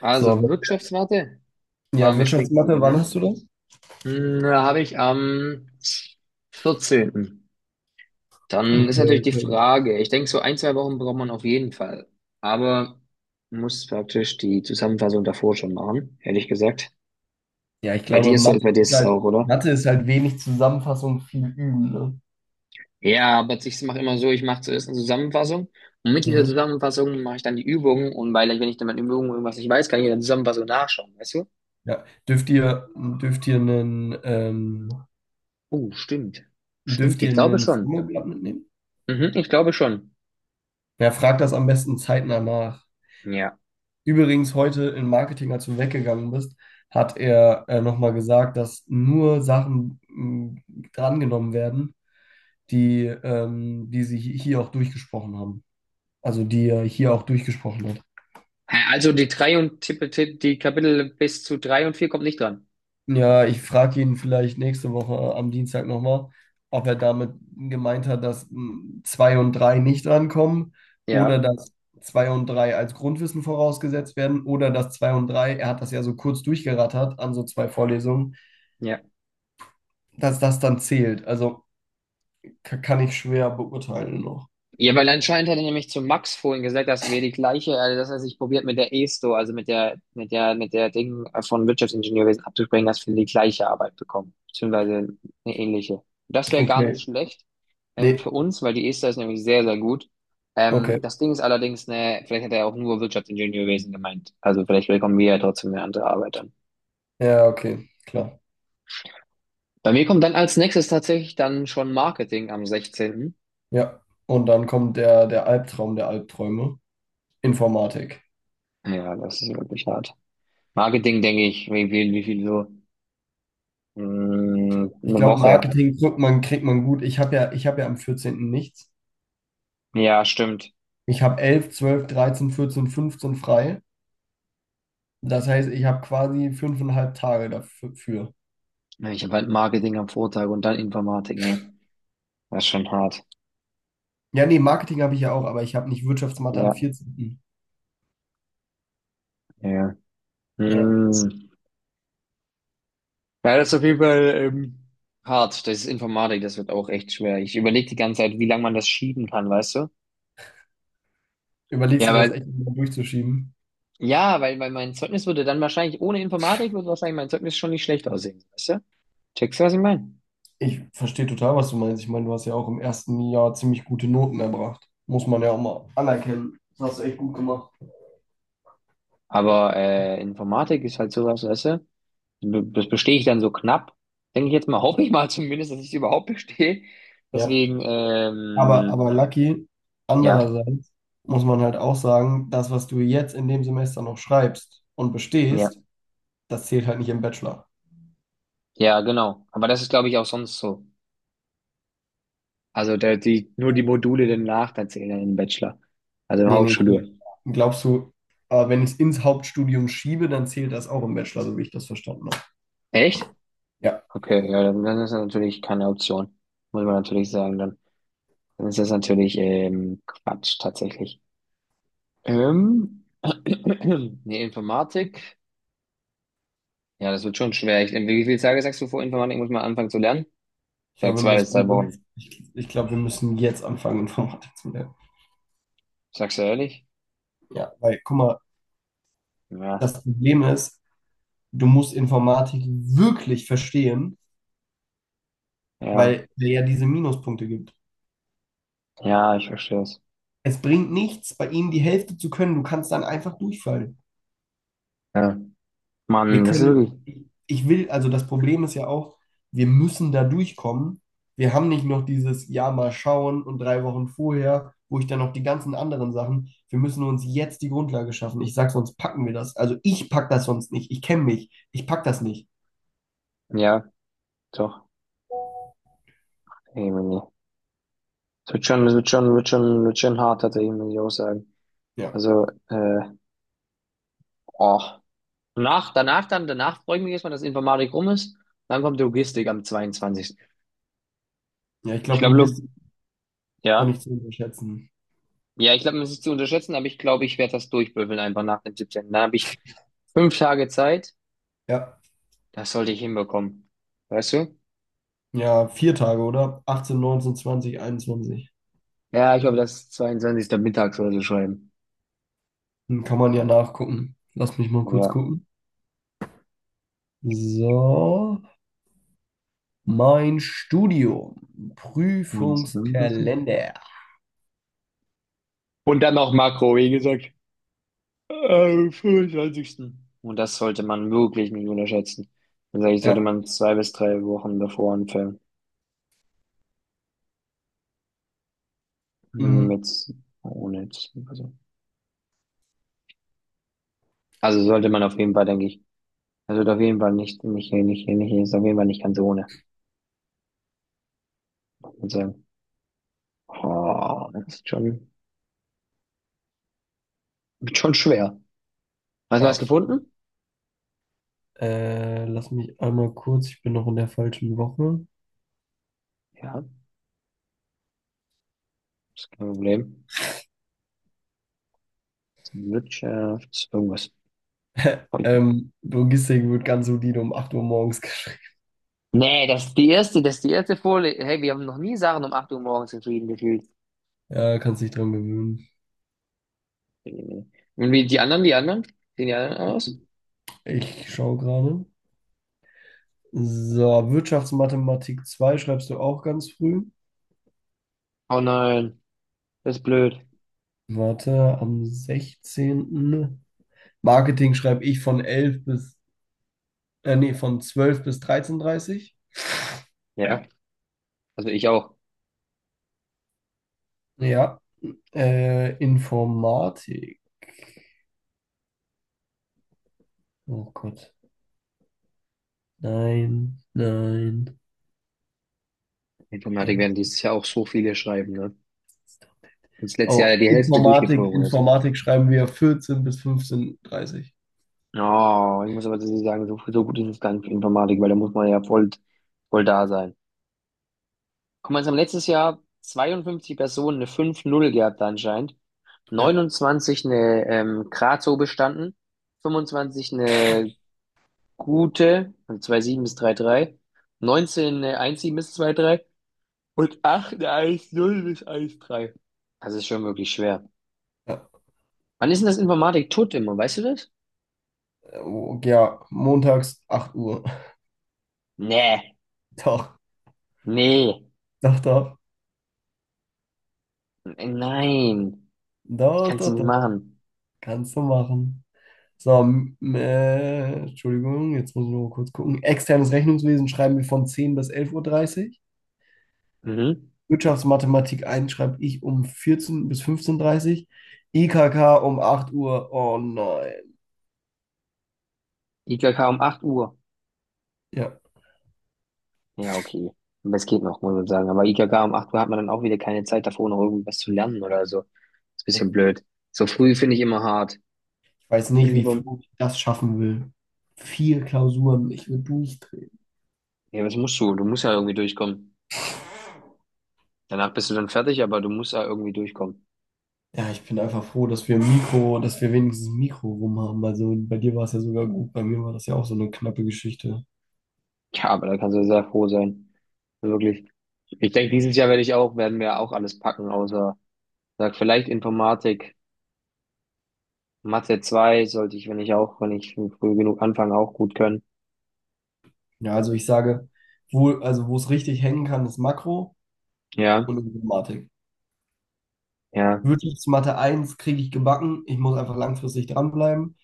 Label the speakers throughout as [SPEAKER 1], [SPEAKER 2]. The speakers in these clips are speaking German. [SPEAKER 1] Also
[SPEAKER 2] So,
[SPEAKER 1] Wirtschaftswarte
[SPEAKER 2] ja,
[SPEAKER 1] waren wir stehen geblieben,
[SPEAKER 2] Wirtschaftsmathe, wann
[SPEAKER 1] ne?
[SPEAKER 2] hast du das?
[SPEAKER 1] Da habe ich am 14. Dann ist
[SPEAKER 2] Okay,
[SPEAKER 1] natürlich die
[SPEAKER 2] okay.
[SPEAKER 1] Frage, ich denke, so ein, zwei Wochen braucht man auf jeden Fall. Aber muss praktisch die Zusammenfassung davor schon machen, ehrlich gesagt.
[SPEAKER 2] Ja, ich
[SPEAKER 1] Bei
[SPEAKER 2] glaube,
[SPEAKER 1] dir ist so, bei dir ist es auch, oder?
[SPEAKER 2] Mathe ist halt wenig Zusammenfassung, viel üben, ne?
[SPEAKER 1] Ja, aber ich mache immer so, ich mache zuerst eine Zusammenfassung und mit dieser
[SPEAKER 2] Mhm.
[SPEAKER 1] Zusammenfassung mache ich dann die Übungen und weil ich, wenn ich dann meine Übungen irgendwas nicht weiß, kann ich in der Zusammenfassung nachschauen, weißt du?
[SPEAKER 2] Ja. Dürft ihr einen, ähm,
[SPEAKER 1] Oh, stimmt. Stimmt,
[SPEAKER 2] dürft ihr
[SPEAKER 1] ich glaube
[SPEAKER 2] einen
[SPEAKER 1] schon.
[SPEAKER 2] Formelblatt mitnehmen?
[SPEAKER 1] Mhm, ich glaube schon.
[SPEAKER 2] Ja, frag das am besten zeitnah nach.
[SPEAKER 1] Ja.
[SPEAKER 2] Übrigens, heute im Marketing, als du weggegangen bist, hat er nochmal gesagt, dass nur Sachen drangenommen werden, die sie hier auch durchgesprochen haben. Also die er hier auch durchgesprochen hat.
[SPEAKER 1] Hä, also die drei und die Kapitel bis zu drei und vier kommt nicht dran.
[SPEAKER 2] Ja, ich frage ihn vielleicht nächste Woche am Dienstag nochmal, ob er damit gemeint hat, dass 2 und 3 nicht rankommen oder
[SPEAKER 1] Ja,
[SPEAKER 2] dass 2 und 3 als Grundwissen vorausgesetzt werden oder dass 2 und 3, er hat das ja so kurz durchgerattert an so zwei Vorlesungen,
[SPEAKER 1] ja.
[SPEAKER 2] dass das dann zählt. Also kann ich schwer beurteilen noch.
[SPEAKER 1] Ja, weil anscheinend hat er nämlich zu Max vorhin gesagt, dass wir die gleiche, also dass er sich probiert mit der ESTO, also mit der Ding von Wirtschaftsingenieurwesen abzubringen, dass wir die gleiche Arbeit bekommen, beziehungsweise eine ähnliche. Das wäre gar nicht
[SPEAKER 2] Okay.
[SPEAKER 1] schlecht
[SPEAKER 2] Nee,
[SPEAKER 1] für uns, weil die ESTO ist nämlich sehr, sehr gut.
[SPEAKER 2] okay.
[SPEAKER 1] Das Ding ist allerdings, ne, vielleicht hat er auch nur Wirtschaftsingenieurwesen gemeint. Also vielleicht bekommen wir ja trotzdem eine andere Arbeit.
[SPEAKER 2] Ja, okay, klar.
[SPEAKER 1] Bei mir kommt dann als nächstes tatsächlich dann schon Marketing am sechzehnten.
[SPEAKER 2] Ja. Und dann kommt der Albtraum der Albträume, Informatik.
[SPEAKER 1] Ja, das ist wirklich hart. Marketing, denke ich, wie viel so?
[SPEAKER 2] Ich
[SPEAKER 1] Eine
[SPEAKER 2] glaube,
[SPEAKER 1] Woche.
[SPEAKER 2] Marketing kriegt man gut. Ich habe ja am 14. nichts.
[SPEAKER 1] Ja, stimmt.
[SPEAKER 2] Ich habe 11, 12, 13, 14, 15 frei. Das heißt, ich habe quasi 5,5 Tage dafür.
[SPEAKER 1] Ich habe halt Marketing am Vortag und dann Informatik, ne? Das ist schon hart.
[SPEAKER 2] Ja, nee, Marketing habe ich ja auch, aber ich habe nicht Wirtschaftsmathe am
[SPEAKER 1] Ja,
[SPEAKER 2] 14.
[SPEAKER 1] ja.
[SPEAKER 2] Ja.
[SPEAKER 1] Mm. Ja, das ist auf jeden Fall hart. Das ist Informatik, das wird auch echt schwer. Ich überlege die ganze Zeit, wie lange man das schieben kann, weißt du?
[SPEAKER 2] Überlegst
[SPEAKER 1] Ja,
[SPEAKER 2] du das
[SPEAKER 1] weil,
[SPEAKER 2] echt mal durchzuschieben?
[SPEAKER 1] ja, weil, weil mein Zeugnis würde dann wahrscheinlich, ohne Informatik würde wahrscheinlich mein Zeugnis schon nicht schlecht aussehen, weißt du? Checkst du, was ich meine?
[SPEAKER 2] Ich verstehe total, was du meinst. Ich meine, du hast ja auch im ersten Jahr ziemlich gute Noten erbracht. Muss man ja auch mal anerkennen. Das hast du echt gut gemacht.
[SPEAKER 1] Aber Informatik ist halt sowas, weißt du? Das bestehe ich dann so knapp. Denke ich jetzt mal, hoffe ich mal zumindest, dass ich es überhaupt bestehe.
[SPEAKER 2] Ja.
[SPEAKER 1] Deswegen,
[SPEAKER 2] Aber
[SPEAKER 1] ähm,
[SPEAKER 2] Lucky,
[SPEAKER 1] ja,
[SPEAKER 2] andererseits muss man halt auch sagen, das, was du jetzt in dem Semester noch schreibst und
[SPEAKER 1] ja,
[SPEAKER 2] bestehst, das zählt halt nicht im Bachelor.
[SPEAKER 1] ja, genau. Aber das ist, glaube ich, auch sonst so. Also da, die, nur die Module danach, da zählen dann im Bachelor. Also im
[SPEAKER 2] Nee, nee, hier.
[SPEAKER 1] Hauptstudium.
[SPEAKER 2] Glaubst du, wenn ich es ins Hauptstudium schiebe, dann zählt das auch im Bachelor, so wie ich das verstanden habe.
[SPEAKER 1] Echt?
[SPEAKER 2] Ja.
[SPEAKER 1] Okay, ja, dann, dann ist das natürlich keine Option. Muss man natürlich sagen, dann, dann ist das natürlich Quatsch tatsächlich. Ähm, nee, Informatik. Ja, das wird schon schwer. Ich, wie viele Tage sagst du vor Informatik muss man anfangen zu lernen?
[SPEAKER 2] Ich
[SPEAKER 1] Sag
[SPEAKER 2] glaube, wir
[SPEAKER 1] zwei bis drei
[SPEAKER 2] müssen jetzt,
[SPEAKER 1] Wochen.
[SPEAKER 2] ich, ich glaube, wir müssen jetzt anfangen, Informatik zu lernen.
[SPEAKER 1] Sagst du ehrlich?
[SPEAKER 2] Ja, weil, guck mal,
[SPEAKER 1] Ja,
[SPEAKER 2] das Problem ist, du musst Informatik wirklich verstehen,
[SPEAKER 1] ja,
[SPEAKER 2] weil es ja diese Minuspunkte gibt.
[SPEAKER 1] ja, ich verstehe es.
[SPEAKER 2] Es bringt nichts, bei ihnen die Hälfte zu können. Du kannst dann einfach durchfallen.
[SPEAKER 1] Ja.
[SPEAKER 2] Wir
[SPEAKER 1] Mann, das ist
[SPEAKER 2] können,
[SPEAKER 1] wirklich,
[SPEAKER 2] ich will, also das Problem ist ja auch, wir müssen da durchkommen. Wir haben nicht noch dieses Ja, mal schauen und 3 Wochen vorher, wo ich dann noch die ganzen anderen Sachen. Wir müssen uns jetzt die Grundlage schaffen. Ich sag, sonst packen wir das. Also ich pack das sonst nicht. Ich kenne mich. Ich pack das nicht.
[SPEAKER 1] ja, doch, irgendwie. Es wird schon, wird schon, wird schon hart, tatsächlich, muss ich auch sagen.
[SPEAKER 2] Ja.
[SPEAKER 1] Also, oh. Nach, danach dann, danach freue ich mich erstmal, dass Informatik rum ist. Dann kommt Logistik am 22.
[SPEAKER 2] Ja, ich
[SPEAKER 1] Ich
[SPEAKER 2] glaube,
[SPEAKER 1] glaube, Log
[SPEAKER 2] Logistik ist auch
[SPEAKER 1] ja.
[SPEAKER 2] nicht zu unterschätzen.
[SPEAKER 1] Ja, ich glaube, das ist zu unterschätzen, aber ich glaube, ich werde das durchbüffeln einfach nach dem 17. Dann habe ich fünf Tage Zeit.
[SPEAKER 2] Ja.
[SPEAKER 1] Das sollte ich hinbekommen. Weißt du?
[SPEAKER 2] Ja, 4 Tage, oder? 18, 19, 20, 21.
[SPEAKER 1] Ja, ich glaube, das ist 22. mittags oder so schreiben.
[SPEAKER 2] Dann kann man ja nachgucken. Lass mich mal kurz
[SPEAKER 1] Ja.
[SPEAKER 2] gucken. So, mein Studium,
[SPEAKER 1] Und zusammenfassen.
[SPEAKER 2] Prüfungskalender.
[SPEAKER 1] Und dann noch Makro, wie gesagt, am 25. Und das sollte man wirklich nicht unterschätzen. Also ich sollte
[SPEAKER 2] Ja,
[SPEAKER 1] man zwei bis drei Wochen davor anfangen.
[SPEAKER 2] mm,
[SPEAKER 1] Mit, ohne, also, also sollte man auf jeden Fall, denke ich. Also auf jeden Fall nicht, nicht, nicht, nicht, ist auf jeden Fall nicht ganz ohne. Und sagen, oh, das ist schon, wird schon schwer. Hast du was
[SPEAKER 2] darfst.
[SPEAKER 1] gefunden?
[SPEAKER 2] Lass mich einmal kurz, ich bin noch in der falschen Woche.
[SPEAKER 1] Ja, ist kein Problem. Wirtschafts, irgendwas.
[SPEAKER 2] Logistik wird ganz solide um 8 Uhr morgens geschrieben.
[SPEAKER 1] Nee, das ist die erste, das ist die erste Folie. Hey, wir haben noch nie Sachen um 8 Uhr morgens geschrieben, gefühlt.
[SPEAKER 2] Ja, kannst dich dran gewöhnen.
[SPEAKER 1] Und wie die anderen, die anderen? Sehen die anderen aus?
[SPEAKER 2] Ich schaue gerade. So, Wirtschaftsmathematik 2 schreibst du auch ganz früh.
[SPEAKER 1] Oh nein, das ist blöd.
[SPEAKER 2] Warte, am 16. Marketing schreibe ich von 11 bis, nee, von 12 bis 13:30 Uhr.
[SPEAKER 1] Ja, also ich auch.
[SPEAKER 2] Ja, Informatik. Oh Gott. Nein, nein. Hä?
[SPEAKER 1] Informatik werden dieses Jahr auch so viele schreiben, ne? Und das letzte Jahr
[SPEAKER 2] Oh,
[SPEAKER 1] die Hälfte
[SPEAKER 2] Informatik,
[SPEAKER 1] durchgeflogen ist.
[SPEAKER 2] Informatik schreiben wir vierzehn bis 15:30.
[SPEAKER 1] Oh, ich muss aber tatsächlich sagen, so, so gut ist es gar nicht für Informatik, weil da muss man ja voll, voll da sein. Guck mal, es haben letztes Jahr 52 Personen eine 5,0 gehabt anscheinend,
[SPEAKER 2] Ja.
[SPEAKER 1] 29 eine Grazo bestanden, 25 eine gute, also 2,7 bis 3,3, 19 eine 1,7 bis 2,3 und 8 eine 1,0 bis 1,3. Das ist schon wirklich schwer.
[SPEAKER 2] Ja,
[SPEAKER 1] Wann ist denn das Informatik tot immer, weißt du das?
[SPEAKER 2] oh, ja, montags 8 Uhr.
[SPEAKER 1] Nee,
[SPEAKER 2] Doch,
[SPEAKER 1] nee,
[SPEAKER 2] doch, doch.
[SPEAKER 1] nein, das
[SPEAKER 2] Doch,
[SPEAKER 1] kannst du
[SPEAKER 2] doch,
[SPEAKER 1] nicht
[SPEAKER 2] doch.
[SPEAKER 1] machen.
[SPEAKER 2] Kannst du machen. So, Entschuldigung, jetzt muss ich noch mal kurz gucken. Externes Rechnungswesen schreiben wir von 10 bis elf Uhr dreißig.
[SPEAKER 1] Mhm.
[SPEAKER 2] Wirtschaftsmathematik eins schreibe ich um 14 bis 15:30 Uhr. IKK um 8 Uhr. Oh nein.
[SPEAKER 1] IKK um 8 Uhr.
[SPEAKER 2] Ja.
[SPEAKER 1] Ja, okay. Aber es geht noch, muss man sagen. Aber IKK um 8 Uhr hat man dann auch wieder keine Zeit davor, noch irgendwas zu lernen oder so. Ist ein
[SPEAKER 2] Ich
[SPEAKER 1] bisschen blöd. So früh finde ich immer hart.
[SPEAKER 2] weiß
[SPEAKER 1] Ich will
[SPEAKER 2] nicht, wie
[SPEAKER 1] lieber,
[SPEAKER 2] Flo das schaffen will. Vier Klausuren, ich will durchdrehen.
[SPEAKER 1] ja, was musst du? Du musst ja irgendwie durchkommen. Danach bist du dann fertig, aber du musst ja irgendwie durchkommen.
[SPEAKER 2] Ja, ich bin einfach froh, dass wir wenigstens Mikro rum haben. Also bei dir war es ja sogar gut, bei mir war das ja auch so eine knappe Geschichte.
[SPEAKER 1] Ja, aber da kannst du sehr froh sein. Wirklich. Ich denke, dieses Jahr werde ich auch, werden wir auch alles packen, außer, sag, vielleicht Informatik. Mathe 2 sollte ich, wenn ich auch, wenn ich früh genug anfange, auch gut können.
[SPEAKER 2] Ja, also ich sage, also wo es richtig hängen kann, ist Makro
[SPEAKER 1] Ja,
[SPEAKER 2] und Informatik.
[SPEAKER 1] ja,
[SPEAKER 2] Wirtschaftsmathe eins kriege ich gebacken. Ich muss einfach langfristig dranbleiben.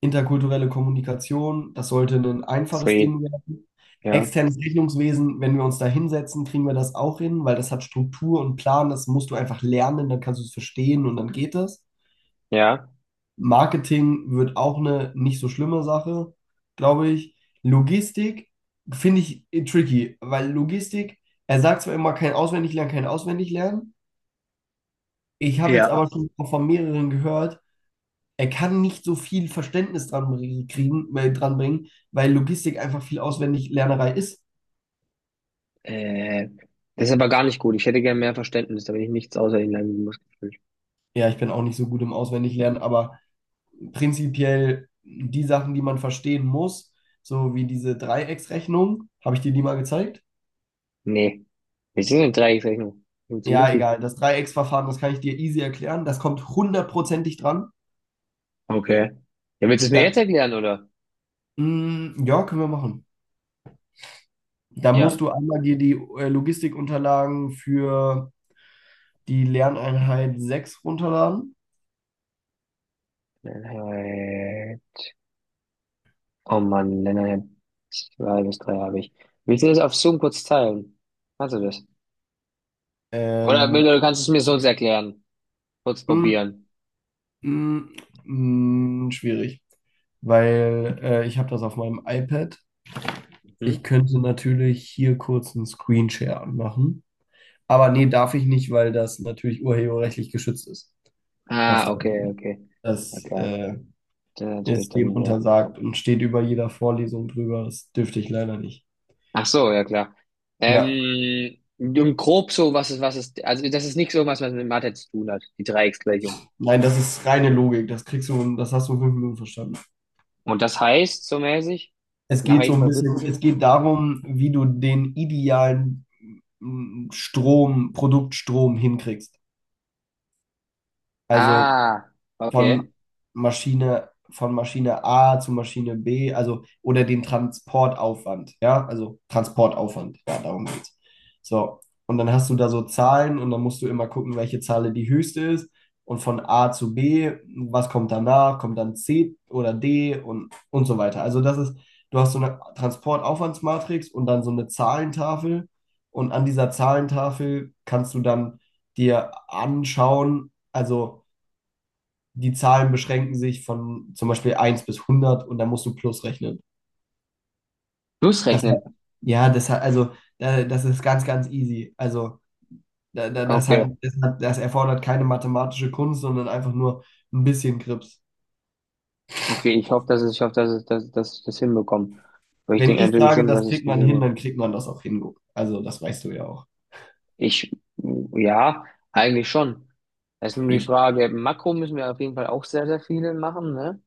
[SPEAKER 2] Interkulturelle Kommunikation, das sollte ein einfaches
[SPEAKER 1] zwei,
[SPEAKER 2] Ding werden.
[SPEAKER 1] ja,
[SPEAKER 2] Externes Rechnungswesen, wenn wir uns da hinsetzen, kriegen wir das auch hin, weil das hat Struktur und Plan, das musst du einfach lernen, dann kannst du es verstehen und dann geht es.
[SPEAKER 1] ja.
[SPEAKER 2] Marketing wird auch eine nicht so schlimme Sache, glaube ich. Logistik finde ich tricky, weil Logistik, er sagt zwar immer kein Auswendiglernen, kein Auswendiglernen. Ich habe jetzt
[SPEAKER 1] Ja,
[SPEAKER 2] aber schon von mehreren gehört, er kann nicht so viel Verständnis dran kriegen, dran bringen, weil Logistik einfach viel Auswendiglernerei ist.
[SPEAKER 1] Äh, das ist aber gar nicht gut. Ich hätte gern mehr Verständnis, damit ich nichts außer ihnen Lernen langen Muskeln.
[SPEAKER 2] Ja, ich bin auch nicht so gut im Auswendiglernen, aber prinzipiell die Sachen, die man verstehen muss, so wie diese Dreiecksrechnung, habe ich dir die mal gezeigt?
[SPEAKER 1] Nee. Wir sind in Dreiecksrechnung.
[SPEAKER 2] Ja,
[SPEAKER 1] Funktioniert die?
[SPEAKER 2] egal. Das Dreiecksverfahren, das kann ich dir easy erklären. Das kommt hundertprozentig dran.
[SPEAKER 1] Okay. Ja, willst du es mir jetzt
[SPEAKER 2] Da,
[SPEAKER 1] erklären, oder?
[SPEAKER 2] ja, können wir machen. Da
[SPEAKER 1] Ja.
[SPEAKER 2] musst du einmal dir die Logistikunterlagen für die Lerneinheit sechs runterladen.
[SPEAKER 1] Äh, oh Mann, Lennart, zwei bis drei habe ich. Willst du das auf Zoom kurz teilen? Kannst du das? Oder,
[SPEAKER 2] Ähm,
[SPEAKER 1] oder kannst du es mir sonst erklären? Kurz
[SPEAKER 2] mm,
[SPEAKER 1] probieren.
[SPEAKER 2] Mm, schwierig, weil ich habe das auf meinem iPad.
[SPEAKER 1] Hm?
[SPEAKER 2] Ich könnte natürlich hier kurz einen Screenshare anmachen, aber nee, darf ich nicht, weil das natürlich urheberrechtlich geschützt ist. Das
[SPEAKER 1] Ah,
[SPEAKER 2] darf ich
[SPEAKER 1] okay,
[SPEAKER 2] nicht.
[SPEAKER 1] okay. Ja
[SPEAKER 2] Das
[SPEAKER 1] klar. Das ist natürlich
[SPEAKER 2] ist dem
[SPEAKER 1] dann. Ja.
[SPEAKER 2] untersagt und steht über jeder Vorlesung drüber. Das dürfte ich leider nicht.
[SPEAKER 1] Ach so, ja klar.
[SPEAKER 2] Ja,
[SPEAKER 1] Und grob so, was ist, also das ist nichts irgendwas, was mit Mathe zu tun hat, die Dreiecksgleichung.
[SPEAKER 2] nein, das ist reine Logik. Das kriegst du, das hast du in 5 Minuten verstanden.
[SPEAKER 1] Und das heißt, so mäßig,
[SPEAKER 2] Es
[SPEAKER 1] nach
[SPEAKER 2] geht so
[SPEAKER 1] welchem
[SPEAKER 2] ein
[SPEAKER 1] Prinzip
[SPEAKER 2] bisschen, es
[SPEAKER 1] funktioniert?
[SPEAKER 2] geht darum, wie du den idealen Strom, Produktstrom hinkriegst. Also
[SPEAKER 1] Ah, okay.
[SPEAKER 2] von von Maschine A zu Maschine B, also oder den Transportaufwand, ja, also Transportaufwand, ja, darum geht's. So, und dann hast du da so Zahlen und dann musst du immer gucken, welche Zahl die höchste ist und von A zu B, was kommt danach, kommt dann C oder D und so weiter. Also das ist, du hast so eine Transportaufwandsmatrix und dann so eine Zahlentafel und an dieser Zahlentafel kannst du dann dir anschauen, also die Zahlen beschränken sich von zum Beispiel eins bis 100 und dann musst du plus rechnen. Das,
[SPEAKER 1] Schlussrechnen.
[SPEAKER 2] ja, das ist ganz, ganz easy. Also,
[SPEAKER 1] Okay,
[SPEAKER 2] das erfordert keine mathematische Kunst, sondern einfach nur ein bisschen Grips.
[SPEAKER 1] okay, ich hoffe, dass es, ich hoffe, dass es, dass, dass ich das hinbekomme. Aber ich
[SPEAKER 2] Wenn
[SPEAKER 1] denke
[SPEAKER 2] ich
[SPEAKER 1] natürlich
[SPEAKER 2] sage,
[SPEAKER 1] schon, dass
[SPEAKER 2] das
[SPEAKER 1] es
[SPEAKER 2] kriegt man hin,
[SPEAKER 1] funktioniert.
[SPEAKER 2] dann kriegt man das auch hin. Also, das weißt du ja auch.
[SPEAKER 1] Ich, ja, eigentlich schon. Das ist nur die
[SPEAKER 2] Eben.
[SPEAKER 1] Frage, Makro müssen wir auf jeden Fall auch sehr, sehr viele machen, ne?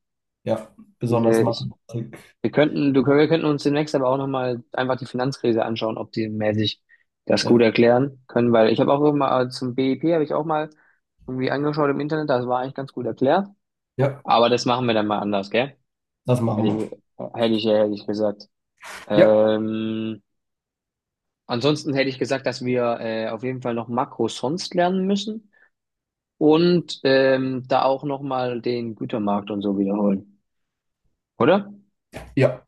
[SPEAKER 2] Ja, besonders
[SPEAKER 1] Diese, ich,
[SPEAKER 2] Mathematik.
[SPEAKER 1] wir könnten, du, wir könnten uns demnächst aber auch nochmal einfach die Finanzkrise anschauen, ob die mäßig das gut
[SPEAKER 2] Ja,
[SPEAKER 1] erklären können, weil ich habe auch immer zum BIP habe ich auch mal irgendwie angeschaut im Internet, das war eigentlich ganz gut erklärt.
[SPEAKER 2] ja,
[SPEAKER 1] Aber das machen wir dann mal anders, gell?
[SPEAKER 2] das machen
[SPEAKER 1] Hätte ich,
[SPEAKER 2] wir.
[SPEAKER 1] hätte ich, hätte ich gesagt.
[SPEAKER 2] Ja,
[SPEAKER 1] Ähm, ansonsten hätte ich gesagt, dass wir auf jeden Fall noch Makro sonst lernen müssen und da auch nochmal den Gütermarkt und so wiederholen, oder?
[SPEAKER 2] ja.